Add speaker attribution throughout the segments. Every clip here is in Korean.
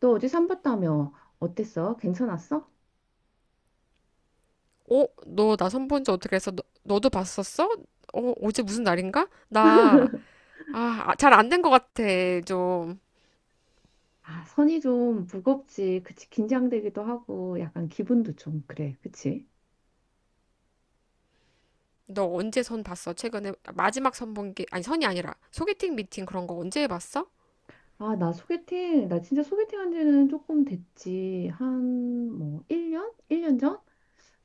Speaker 1: 너 어제 산 봤다며. 어땠어? 괜찮았어?
Speaker 2: 어? 너 나 선본지 어떻게 했어? 너도 봤었어? 어, 어제 무슨 날인가? 아, 아, 잘 안된 것 같아, 좀.
Speaker 1: 아, 선이 좀 무겁지. 그치. 긴장되기도 하고, 약간 기분도 좀 그래. 그치?
Speaker 2: 너 언제 선 봤어? 최근에 마지막 선 본 게, 아니, 선이 아니라 소개팅 미팅 그런 거 언제 해봤어?
Speaker 1: 아, 나 진짜 소개팅 한 지는 조금 됐지. 한, 뭐, 1년? 1년 전?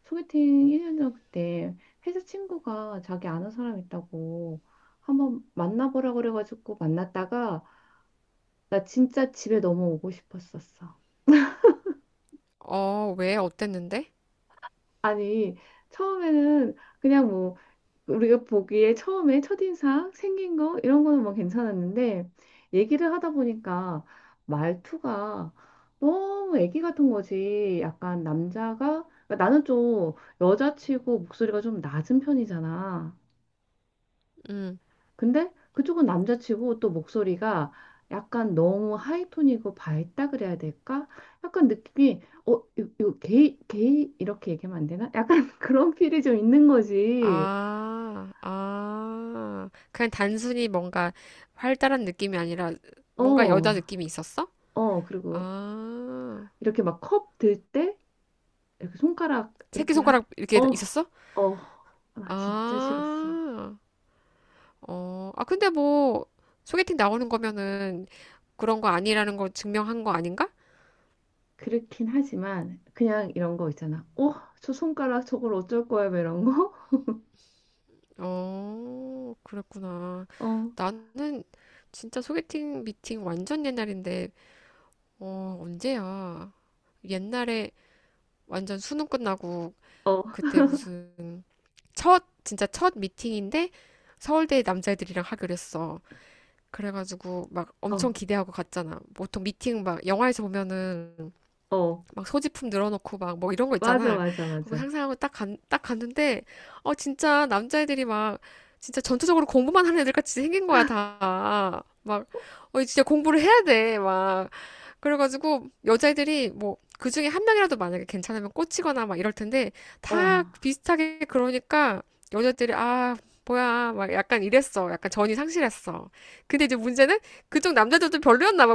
Speaker 1: 소개팅 1년 전 그때 회사 친구가 자기 아는 사람 있다고 한번 만나보라 그래가지고 만났다가 나 진짜 집에 넘어오고 싶었었어.
Speaker 2: 어, 왜? 어땠는데?
Speaker 1: 아니, 처음에는 그냥 뭐, 우리가 보기에 처음에 첫인상 생긴 거 이런 거는 뭐 괜찮았는데 얘기를 하다 보니까 말투가 너무 애기 같은 거지. 약간 남자가 그러니까 나는 좀 여자치고 목소리가 좀 낮은 편이잖아.
Speaker 2: 음.
Speaker 1: 근데 그쪽은 남자치고 또 목소리가 약간 너무 하이톤이고 밝다 그래야 될까? 약간 느낌이 요 게이 게이 이렇게 얘기하면 안 되나? 약간 그런 필이 좀 있는 거지.
Speaker 2: 아, 아. 그냥 단순히 뭔가 활달한 느낌이 아니라 뭔가 여자
Speaker 1: 어.
Speaker 2: 느낌이 있었어?
Speaker 1: 어, 그리고
Speaker 2: 아.
Speaker 1: 이렇게 막 컵 들 때 이렇게 손가락 이렇게 하,
Speaker 2: 새끼손가락
Speaker 1: 어,
Speaker 2: 이렇게 있었어?
Speaker 1: 어, 나 진짜 싫었어.
Speaker 2: 아. 어, 아, 근데 뭐, 소개팅 나오는 거면은 그런 거 아니라는 걸 증명한 거 아닌가?
Speaker 1: 그렇긴 하지만 그냥 이런 거 있잖아. 어, 저 손가락 저걸 어쩔 거야 뭐 이런 거.
Speaker 2: 어, 그랬구나.
Speaker 1: 어,
Speaker 2: 나는 진짜 소개팅 미팅 완전 옛날인데, 어, 언제야? 옛날에 완전 수능 끝나고,
Speaker 1: 어,
Speaker 2: 그때 무슨, 첫, 진짜 첫 미팅인데, 서울대 남자애들이랑 하기로 했어. 그래가지고 막
Speaker 1: 어,
Speaker 2: 엄청 기대하고 갔잖아. 보통 미팅 막 영화에서 보면은
Speaker 1: 어,
Speaker 2: 막 소지품 늘어놓고 막 뭐 이런 거
Speaker 1: 맞아,
Speaker 2: 있잖아.
Speaker 1: 맞아,
Speaker 2: 그거
Speaker 1: 맞아.
Speaker 2: 상상하고 딱 간, 딱 갔는데, 어, 진짜 남자애들이 막, 진짜 전투적으로 공부만 하는 애들 같이 생긴 거야, 다. 막, 어, 진짜 공부를 해야 돼. 막, 그래가지고 여자애들이 뭐 그중에 한 명이라도 만약에 괜찮으면 꽂히거나 막 이럴 텐데
Speaker 1: 어,
Speaker 2: 다 비슷하게 그러니까 여자들이 아 뭐야 막 약간 이랬어 약간 전이 상실했어. 근데 이제 문제는 그쪽 남자들도 별로였나 봐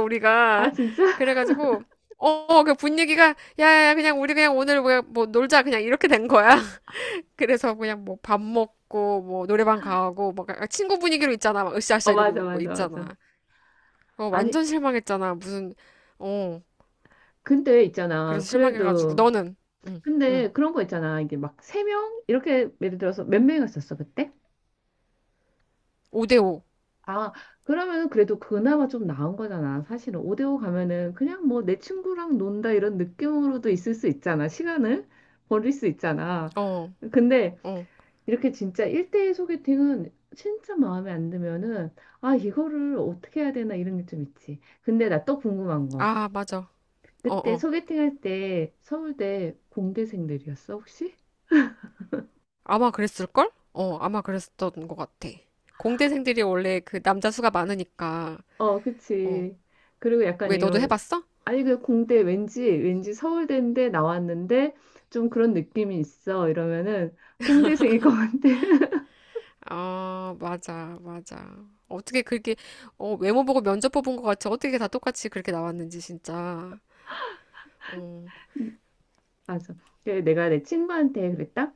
Speaker 1: 아
Speaker 2: 우리가.
Speaker 1: 진짜?
Speaker 2: 그래가지고 어그 분위기가 야야 그냥 우리 그냥 오늘 뭐야 뭐 놀자 그냥 이렇게 된 거야 그래서 그냥 뭐 밥 먹고 뭐 노래방 가고 막 약간 친구 분위기로 있잖아 막
Speaker 1: 어,
Speaker 2: 으쌰으쌰
Speaker 1: 맞아,
Speaker 2: 이러고
Speaker 1: 맞아,
Speaker 2: 있잖아.
Speaker 1: 맞아.
Speaker 2: 어
Speaker 1: 아니,
Speaker 2: 완전 실망했잖아 무슨. 어
Speaker 1: 근데 있잖아.
Speaker 2: 그래서 실망해가지고
Speaker 1: 그래도
Speaker 2: 너는. 응, 응.
Speaker 1: 근데 그런 거 있잖아. 이게 막 세 명 이렇게 예를 들어서 몇 명이었었어 그때?
Speaker 2: 5대5.
Speaker 1: 아, 그러면 그래도 그나마 좀 나은 거잖아. 사실은 5대5 가면은 그냥 뭐 내 친구랑 논다 이런 느낌으로도 있을 수 있잖아. 시간을 버릴 수 있잖아.
Speaker 2: 어,
Speaker 1: 근데
Speaker 2: 어.
Speaker 1: 이렇게 진짜 1대1 소개팅은 진짜 마음에 안 들면은 아, 이거를 어떻게 해야 되나 이런 게 좀 있지. 근데 나 또 궁금한 거.
Speaker 2: 아, 맞아. 어,
Speaker 1: 그때
Speaker 2: 어.
Speaker 1: 소개팅 할 때 서울대 공대생들이었어, 혹시?
Speaker 2: 아마 그랬을걸? 어, 아마 그랬었던 것 같아. 공대생들이 원래 그 남자 수가 많으니까.
Speaker 1: 어,
Speaker 2: 어.
Speaker 1: 그치. 그리고 약간
Speaker 2: 왜 너도
Speaker 1: 이런,
Speaker 2: 해봤어?
Speaker 1: 아니, 그 공대 왠지 서울대인데 나왔는데 좀 그런 느낌이 있어. 이러면은 공대생일 것 같아.
Speaker 2: 아, 맞아, 맞아. 어떻게 그렇게 어, 외모 보고 면접 뽑은 것 같이 어떻게 다 똑같이 그렇게 나왔는지 진짜. 어,
Speaker 1: 맞아. 그래, 내가 내 친구한테 그랬다.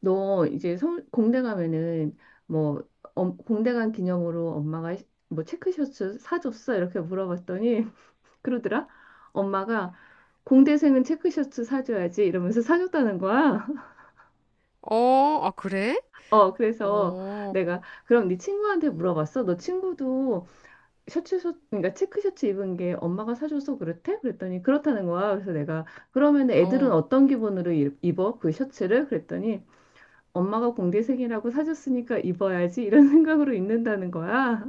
Speaker 1: 너 이제 공대 가면은 뭐, 어, 공대 간 기념으로 엄마가 뭐 체크셔츠 사줬어? 이렇게 물어봤더니 그러더라. 엄마가 공대생은 체크셔츠 사줘야지 이러면서 사줬다는 거야.
Speaker 2: 어, 아 그래?
Speaker 1: 어, 그래서
Speaker 2: 어,
Speaker 1: 내가 그럼 네 친구한테 물어봤어? 너 친구도 셔츠, 셔 그러니까 체크 셔츠 입은 게 엄마가 사줘서 그렇대? 그랬더니 그렇다는 거야. 그래서 내가 그러면 애들은
Speaker 2: 어,
Speaker 1: 어떤 기분으로 입어? 그 셔츠를? 그랬더니 엄마가 공대생이라고 사줬으니까 입어야지 이런 생각으로 입는다는 거야.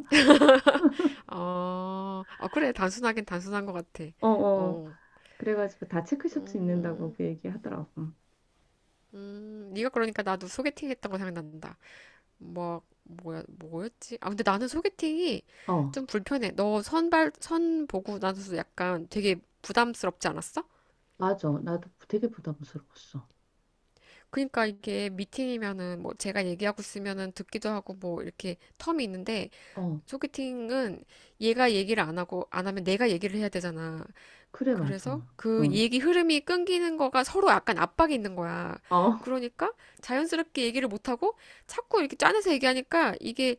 Speaker 2: 아, 아 그래 단순하긴 단순한 것 같아.
Speaker 1: 어, 어.
Speaker 2: 어,
Speaker 1: 그래가지고 다 체크 셔츠 입는다고
Speaker 2: 음.
Speaker 1: 그 얘기 하더라고.
Speaker 2: 네가 그러니까 나도 소개팅 했던 거 생각난다. 뭐, 뭐야, 뭐였지? 아, 근데 나는 소개팅이
Speaker 1: 어,
Speaker 2: 좀 불편해. 선 보고 나서 약간 되게 부담스럽지 않았어?
Speaker 1: 맞아. 나도 되게 부담스러웠어.
Speaker 2: 그러니까 이게 미팅이면은 뭐 제가 얘기하고 있으면은 듣기도 하고 뭐 이렇게 텀이 있는데
Speaker 1: 어,
Speaker 2: 소개팅은 얘가 얘기를 안 하고 안 하면 내가 얘기를 해야 되잖아.
Speaker 1: 그래, 맞아.
Speaker 2: 그래서 그
Speaker 1: 어,
Speaker 2: 얘기 흐름이 끊기는 거가 서로 약간 압박이 있는 거야.
Speaker 1: 어,
Speaker 2: 그러니까 자연스럽게 얘기를 못 하고 자꾸 이렇게 짜내서 얘기하니까 이게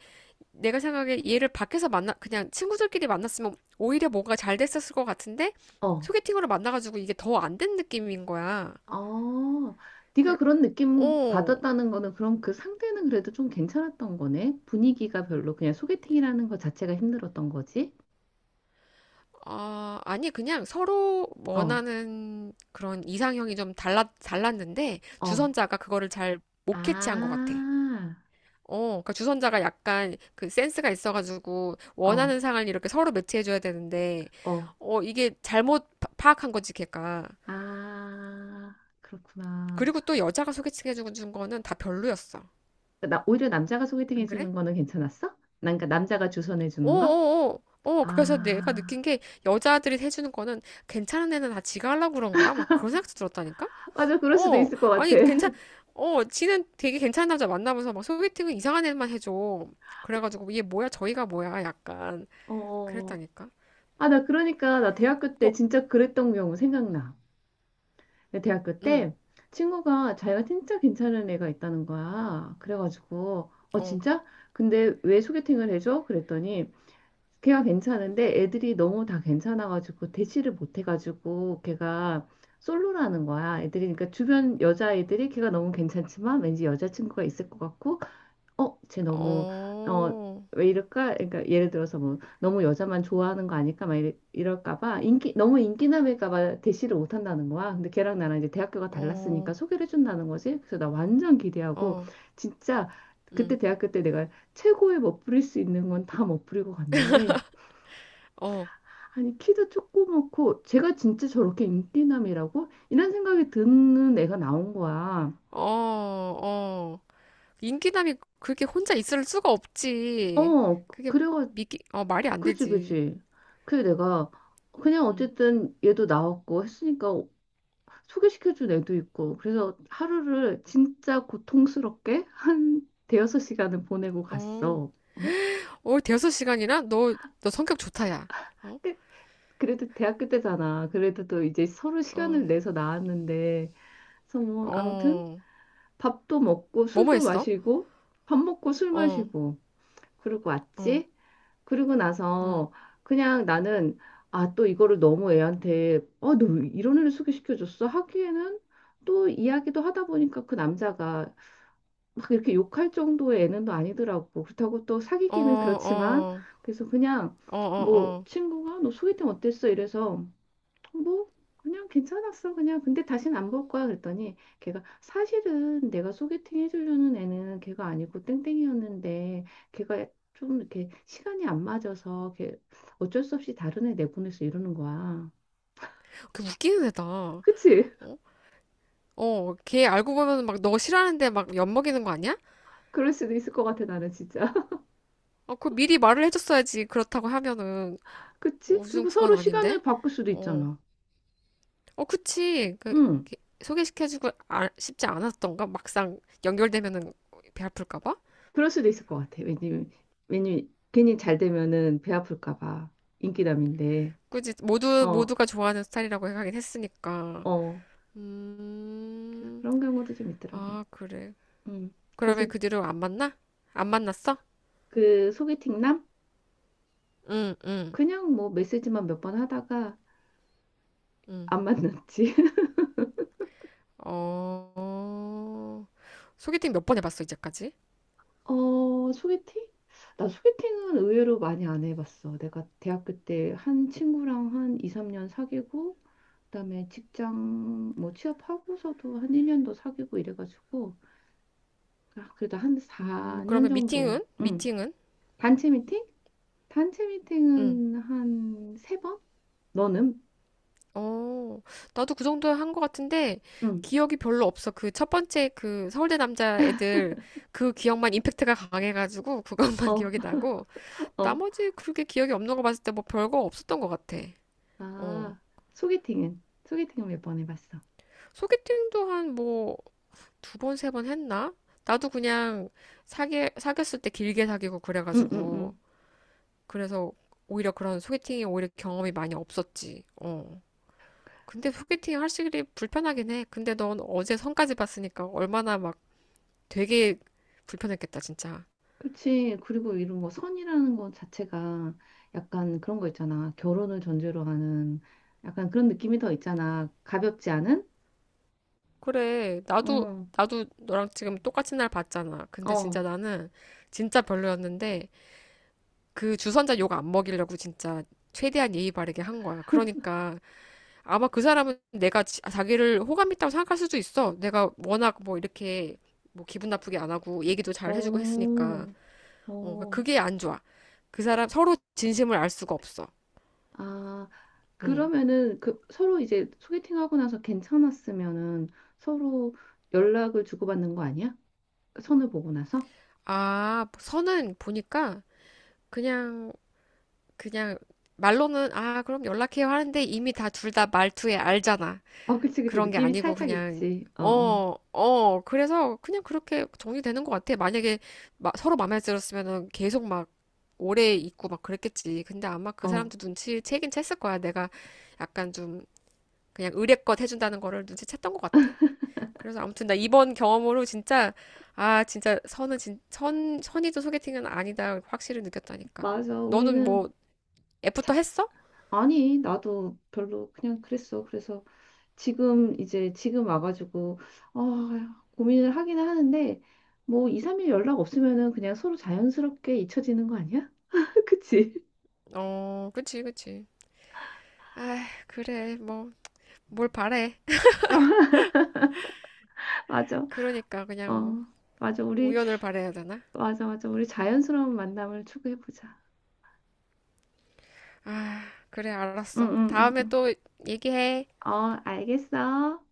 Speaker 2: 내가 생각에 얘를 밖에서 만나 그냥 친구들끼리 만났으면 오히려 뭔가 잘 됐었을 것 같은데
Speaker 1: 어.
Speaker 2: 소개팅으로 만나가지고 이게 더 안 된 느낌인 거야.
Speaker 1: 아, 네가
Speaker 2: 그래,
Speaker 1: 그런 느낌
Speaker 2: 어,
Speaker 1: 받았다는 거는 그럼 그 상대는 그래도 좀 괜찮았던 거네. 분위기가 별로 그냥 소개팅이라는 거 자체가 힘들었던 거지.
Speaker 2: 아, 아니 그냥 서로
Speaker 1: 어,
Speaker 2: 원하는 그런 이상형이 좀 달라 달랐는데
Speaker 1: 어,
Speaker 2: 주선자가 그거를 잘 못 캐치한 것 같아.
Speaker 1: 아,
Speaker 2: 어, 그러니까 주선자가 약간 그 센스가 있어가지고
Speaker 1: 어,
Speaker 2: 원하는 상을 이렇게 서로 매치해줘야 되는데,
Speaker 1: 어,
Speaker 2: 어, 이게 파악한 거지, 걔가.
Speaker 1: 아, 그렇구나.
Speaker 2: 그리고 또 여자가 소개팅 해준 거는 다 별로였어.
Speaker 1: 나 오히려 남자가 소개팅
Speaker 2: 안 그래?
Speaker 1: 해주는 거는 괜찮았어? 난 그러니까 남자가 주선해 주는 거?
Speaker 2: 어어어. 어, 그래서 내가
Speaker 1: 아,
Speaker 2: 느낀 게 여자들이 해주는 거는 괜찮은 애는 다 지가 하려고 그런 거야? 막 그런 생각도 들었다니까?
Speaker 1: 맞아, 그럴 수도
Speaker 2: 어,
Speaker 1: 있을 것 같아.
Speaker 2: 아니, 괜찮, 어, 지는 되게 괜찮은 남자 만나면서 막 소개팅은 이상한 애만 해줘. 그래가지고, 얘 뭐야, 저희가 뭐야, 약간.
Speaker 1: 어,
Speaker 2: 그랬다니까?
Speaker 1: 아, 나 그러니까 나 대학교 때
Speaker 2: 너,
Speaker 1: 진짜 그랬던 경우 생각나. 근데 대학교
Speaker 2: 응.
Speaker 1: 때 친구가 자기가 진짜 괜찮은 애가 있다는 거야. 그래가지고 어
Speaker 2: 어,
Speaker 1: 진짜? 근데 왜 소개팅을 해줘? 그랬더니 걔가 괜찮은데 애들이 너무 다 괜찮아가지고 대시를 못 해가지고 걔가 솔로라는 거야. 애들이 그러니까 주변 여자애들이 걔가 너무 괜찮지만 왠지 여자친구가 있을 것 같고 어, 쟤 너무 어,
Speaker 2: 어,
Speaker 1: 왜 이럴까? 그러니까 예를 들어서 뭐 너무 여자만 좋아하는 거 아닐까? 막 이럴까 봐 인기 너무 인기남일까 봐 대시를 못 한다는 거야. 근데 걔랑 나랑 이제 대학교가
Speaker 2: 어,
Speaker 1: 달랐으니까 소개를 해준다는 거지. 그래서 나 완전 기대하고
Speaker 2: 어,
Speaker 1: 진짜
Speaker 2: 응.
Speaker 1: 그때 대학교 때 내가 최고의 멋부릴 수 있는 건 다 멋부리고 갔는데
Speaker 2: 어,
Speaker 1: 아니 키도 조그맣고 제가 진짜 저렇게 인기남이라고 이런 생각이 드는 애가 나온 거야.
Speaker 2: 어, 어. 인기남이 그렇게 혼자 있을 수가 없지.
Speaker 1: 어,
Speaker 2: 그게
Speaker 1: 그래.
Speaker 2: 미기 어, 말이 안
Speaker 1: 그지,
Speaker 2: 되지.
Speaker 1: 그지. 그게 내가 그냥
Speaker 2: 응.
Speaker 1: 어쨌든 얘도 나왔고 했으니까 소개시켜준 애도 있고 그래서 하루를 진짜 고통스럽게 한 대여섯 시간을 보내고
Speaker 2: 어,
Speaker 1: 갔어.
Speaker 2: 어, 대여섯 시간이나? 너, 너 성격 좋다, 야. 어,
Speaker 1: 그- 그래도 대학교 때잖아. 그래도 또 이제 서로
Speaker 2: 어,
Speaker 1: 시간을 내서 나왔는데 그래서 뭐 아무튼
Speaker 2: 어,
Speaker 1: 밥도 먹고
Speaker 2: 뭐뭐
Speaker 1: 술도
Speaker 2: 했어?
Speaker 1: 마시고 밥 먹고 술
Speaker 2: 어,
Speaker 1: 마시고 그러고
Speaker 2: 어,
Speaker 1: 왔지. 그리고
Speaker 2: 응.
Speaker 1: 나서 그냥 나는 아, 또 이거를 너무 애한테 어, 너왜 이런 애를 소개시켜줬어? 하기에는 또 이야기도 하다 보니까 그 남자가 막 이렇게 욕할 정도의 애는 또 아니더라고. 그렇다고 또
Speaker 2: 어,
Speaker 1: 사귀기는 그렇지만
Speaker 2: 어,
Speaker 1: 그래서 그냥
Speaker 2: 어, 어,
Speaker 1: 뭐
Speaker 2: 어.
Speaker 1: 친구가 너 소개팅 어땠어? 이래서 뭐 그냥 괜찮았어. 그냥 근데 다시는 안 볼 거야. 그랬더니 걔가 사실은 내가 소개팅 해주려는 애는 걔가 아니고 땡땡이었는데 걔가 좀 이렇게 시간이 안 맞아서 걔 어쩔 수 없이 다른 애 내보냈어 이러는 거야.
Speaker 2: 그 웃기는 애다. 어,
Speaker 1: 그치?
Speaker 2: 어, 걔 알고 보면 막 너 싫어하는데 막 엿먹이는 거 아니야?
Speaker 1: 그럴 수도 있을 것 같아. 나는 진짜
Speaker 2: 어, 그 미리 말을 해줬어야지. 그렇다고 하면은. 어,
Speaker 1: 그치?
Speaker 2: 요즘
Speaker 1: 그리고
Speaker 2: 그건
Speaker 1: 서로
Speaker 2: 아닌데?
Speaker 1: 시간을 바꿀 수도
Speaker 2: 어,
Speaker 1: 있잖아.
Speaker 2: 어, 그치. 그,
Speaker 1: 응.
Speaker 2: 그 소개시켜주고 아, 쉽지 않았던가? 막상 연결되면은 배 아플까 봐?
Speaker 1: 그럴 수도 있을 것 같아. 왜냐면 괜히 잘 되면은 배 아플까 봐. 인기남인데.
Speaker 2: 그지?
Speaker 1: 어,
Speaker 2: 모두가 좋아하는 스타일이라고 하긴 했으니까.
Speaker 1: 어. 그래서
Speaker 2: 음,
Speaker 1: 그런 경우도 좀 있더라고.
Speaker 2: 아, 그래.
Speaker 1: 음. 그래서
Speaker 2: 그러면 그 뒤로 안 만나? 안 만났어?
Speaker 1: 그 소개팅남?
Speaker 2: 응, 응,
Speaker 1: 그냥 뭐 메시지만 몇 번 하다가
Speaker 2: 응.
Speaker 1: 안 만났지.
Speaker 2: 어, 어. 소개팅 몇번 해봤어, 이제까지?
Speaker 1: 어, 소개팅? 나 소개팅은 의외로 많이 안 해봤어. 내가 대학교 때 한 친구랑 한 2, 3년 사귀고, 그다음에 직장 뭐 취업하고서도 한 1년 더 사귀고 이래가지고, 아, 그래도 한 4년
Speaker 2: 그러면
Speaker 1: 정도.
Speaker 2: 미팅은?
Speaker 1: 응.
Speaker 2: 미팅은?
Speaker 1: 단체 미팅? 단체
Speaker 2: 응.
Speaker 1: 미팅은 한 세번. 너는?
Speaker 2: 어, 나도 그 정도 한 것 같은데,
Speaker 1: 응.
Speaker 2: 기억이 별로 없어. 그 첫 번째 그 서울대 남자 애들, 그 기억만 임팩트가 강해가지고, 그것만
Speaker 1: 어,
Speaker 2: 기억이 나고,
Speaker 1: 어.
Speaker 2: 나머지 그렇게 기억이 없는 거 봤을 때 뭐 별거 없었던 것 같아. 어.
Speaker 1: 아, 소개팅은? 소개팅은 몇 번 해봤어.
Speaker 2: 소개팅도 한 뭐, 두 번, 세번 했나? 나도 그냥 사귀었을 때 길게 사귀고
Speaker 1: 응, 응,
Speaker 2: 그래가지고,
Speaker 1: 응.
Speaker 2: 그래서 오히려 그런 소개팅이 오히려 경험이 많이 없었지. 어. 근데 소개팅 하시기 불편하긴 해. 근데 넌 어제 선까지 봤으니까 얼마나 막 되게 불편했겠다, 진짜.
Speaker 1: 그렇지. 그리고 이런 거 선이라는 거 자체가 약간 그런 거 있잖아. 결혼을 전제로 하는 약간 그런 느낌이 더 있잖아. 가볍지 않은?
Speaker 2: 그래, 나도,
Speaker 1: 어,
Speaker 2: 나도 너랑 지금 똑같은 날 봤잖아. 근데
Speaker 1: 어,
Speaker 2: 진짜 나는 진짜 별로였는데 그 주선자 욕 안 먹이려고 진짜 최대한 예의 바르게 한 거야. 그러니까 아마 그 사람은 내가 자기를 호감 있다고 생각할 수도 있어. 내가 워낙 뭐 이렇게 뭐 기분 나쁘게 안 하고 얘기도 잘 해주고 했으니까.
Speaker 1: 어,
Speaker 2: 어, 그러니까
Speaker 1: 어.
Speaker 2: 그게 안 좋아. 그 사람 서로 진심을 알 수가 없어.
Speaker 1: 아,
Speaker 2: 응.
Speaker 1: 그러면은 그 서로 이제 소개팅하고 나서 괜찮았으면은 서로 연락을 주고받는 거 아니야? 선을 보고 나서?
Speaker 2: 아, 선은 보니까 그냥 그냥 말로는 아, 그럼 연락해요 하는데 이미 다 둘 다 말투에 알잖아.
Speaker 1: 어, 그치, 그치.
Speaker 2: 그런 게
Speaker 1: 느낌이
Speaker 2: 아니고
Speaker 1: 살짝
Speaker 2: 그냥
Speaker 1: 있지. 어, 어,
Speaker 2: 어, 어. 그래서 그냥 그렇게 정리되는 것 같아. 만약에 서로 마음에 들었으면은 계속 막 오래 있고 막 그랬겠지. 근데 아마 그
Speaker 1: 어.
Speaker 2: 사람도 눈치 채긴 챘을 거야. 내가 약간 좀 그냥 의례껏 해준다는 거를 눈치챘던 것 같아. 그래서 아무튼 나 이번 경험으로 진짜 아 진짜 선은 진, 선 선의도 소개팅은 아니다 확실히 느꼈다니까.
Speaker 1: 맞아.
Speaker 2: 너는
Speaker 1: 우리는
Speaker 2: 뭐 애프터
Speaker 1: 자,
Speaker 2: 했어?
Speaker 1: 아니, 나도 별로 그냥 그랬어. 그래서 지금 와가지고, 아, 고민을 하기는 하는데, 뭐 2, 3일 연락 없으면은 그냥 서로 자연스럽게 잊혀지는 거 아니야? 그치?
Speaker 2: 어, 그치 그치. 아 그래 뭐 뭘 바래?
Speaker 1: 맞아.
Speaker 2: 그러니까 그냥 뭐
Speaker 1: 어, 맞아. 우리,
Speaker 2: 우연을 바래야 되나?
Speaker 1: 맞아, 맞아. 우리 자연스러운 만남을 추구해보자.
Speaker 2: 아 그래
Speaker 1: 응,
Speaker 2: 알았어.
Speaker 1: 응, 응,
Speaker 2: 다음에
Speaker 1: 응.
Speaker 2: 또 얘기해.
Speaker 1: 어, 알겠어.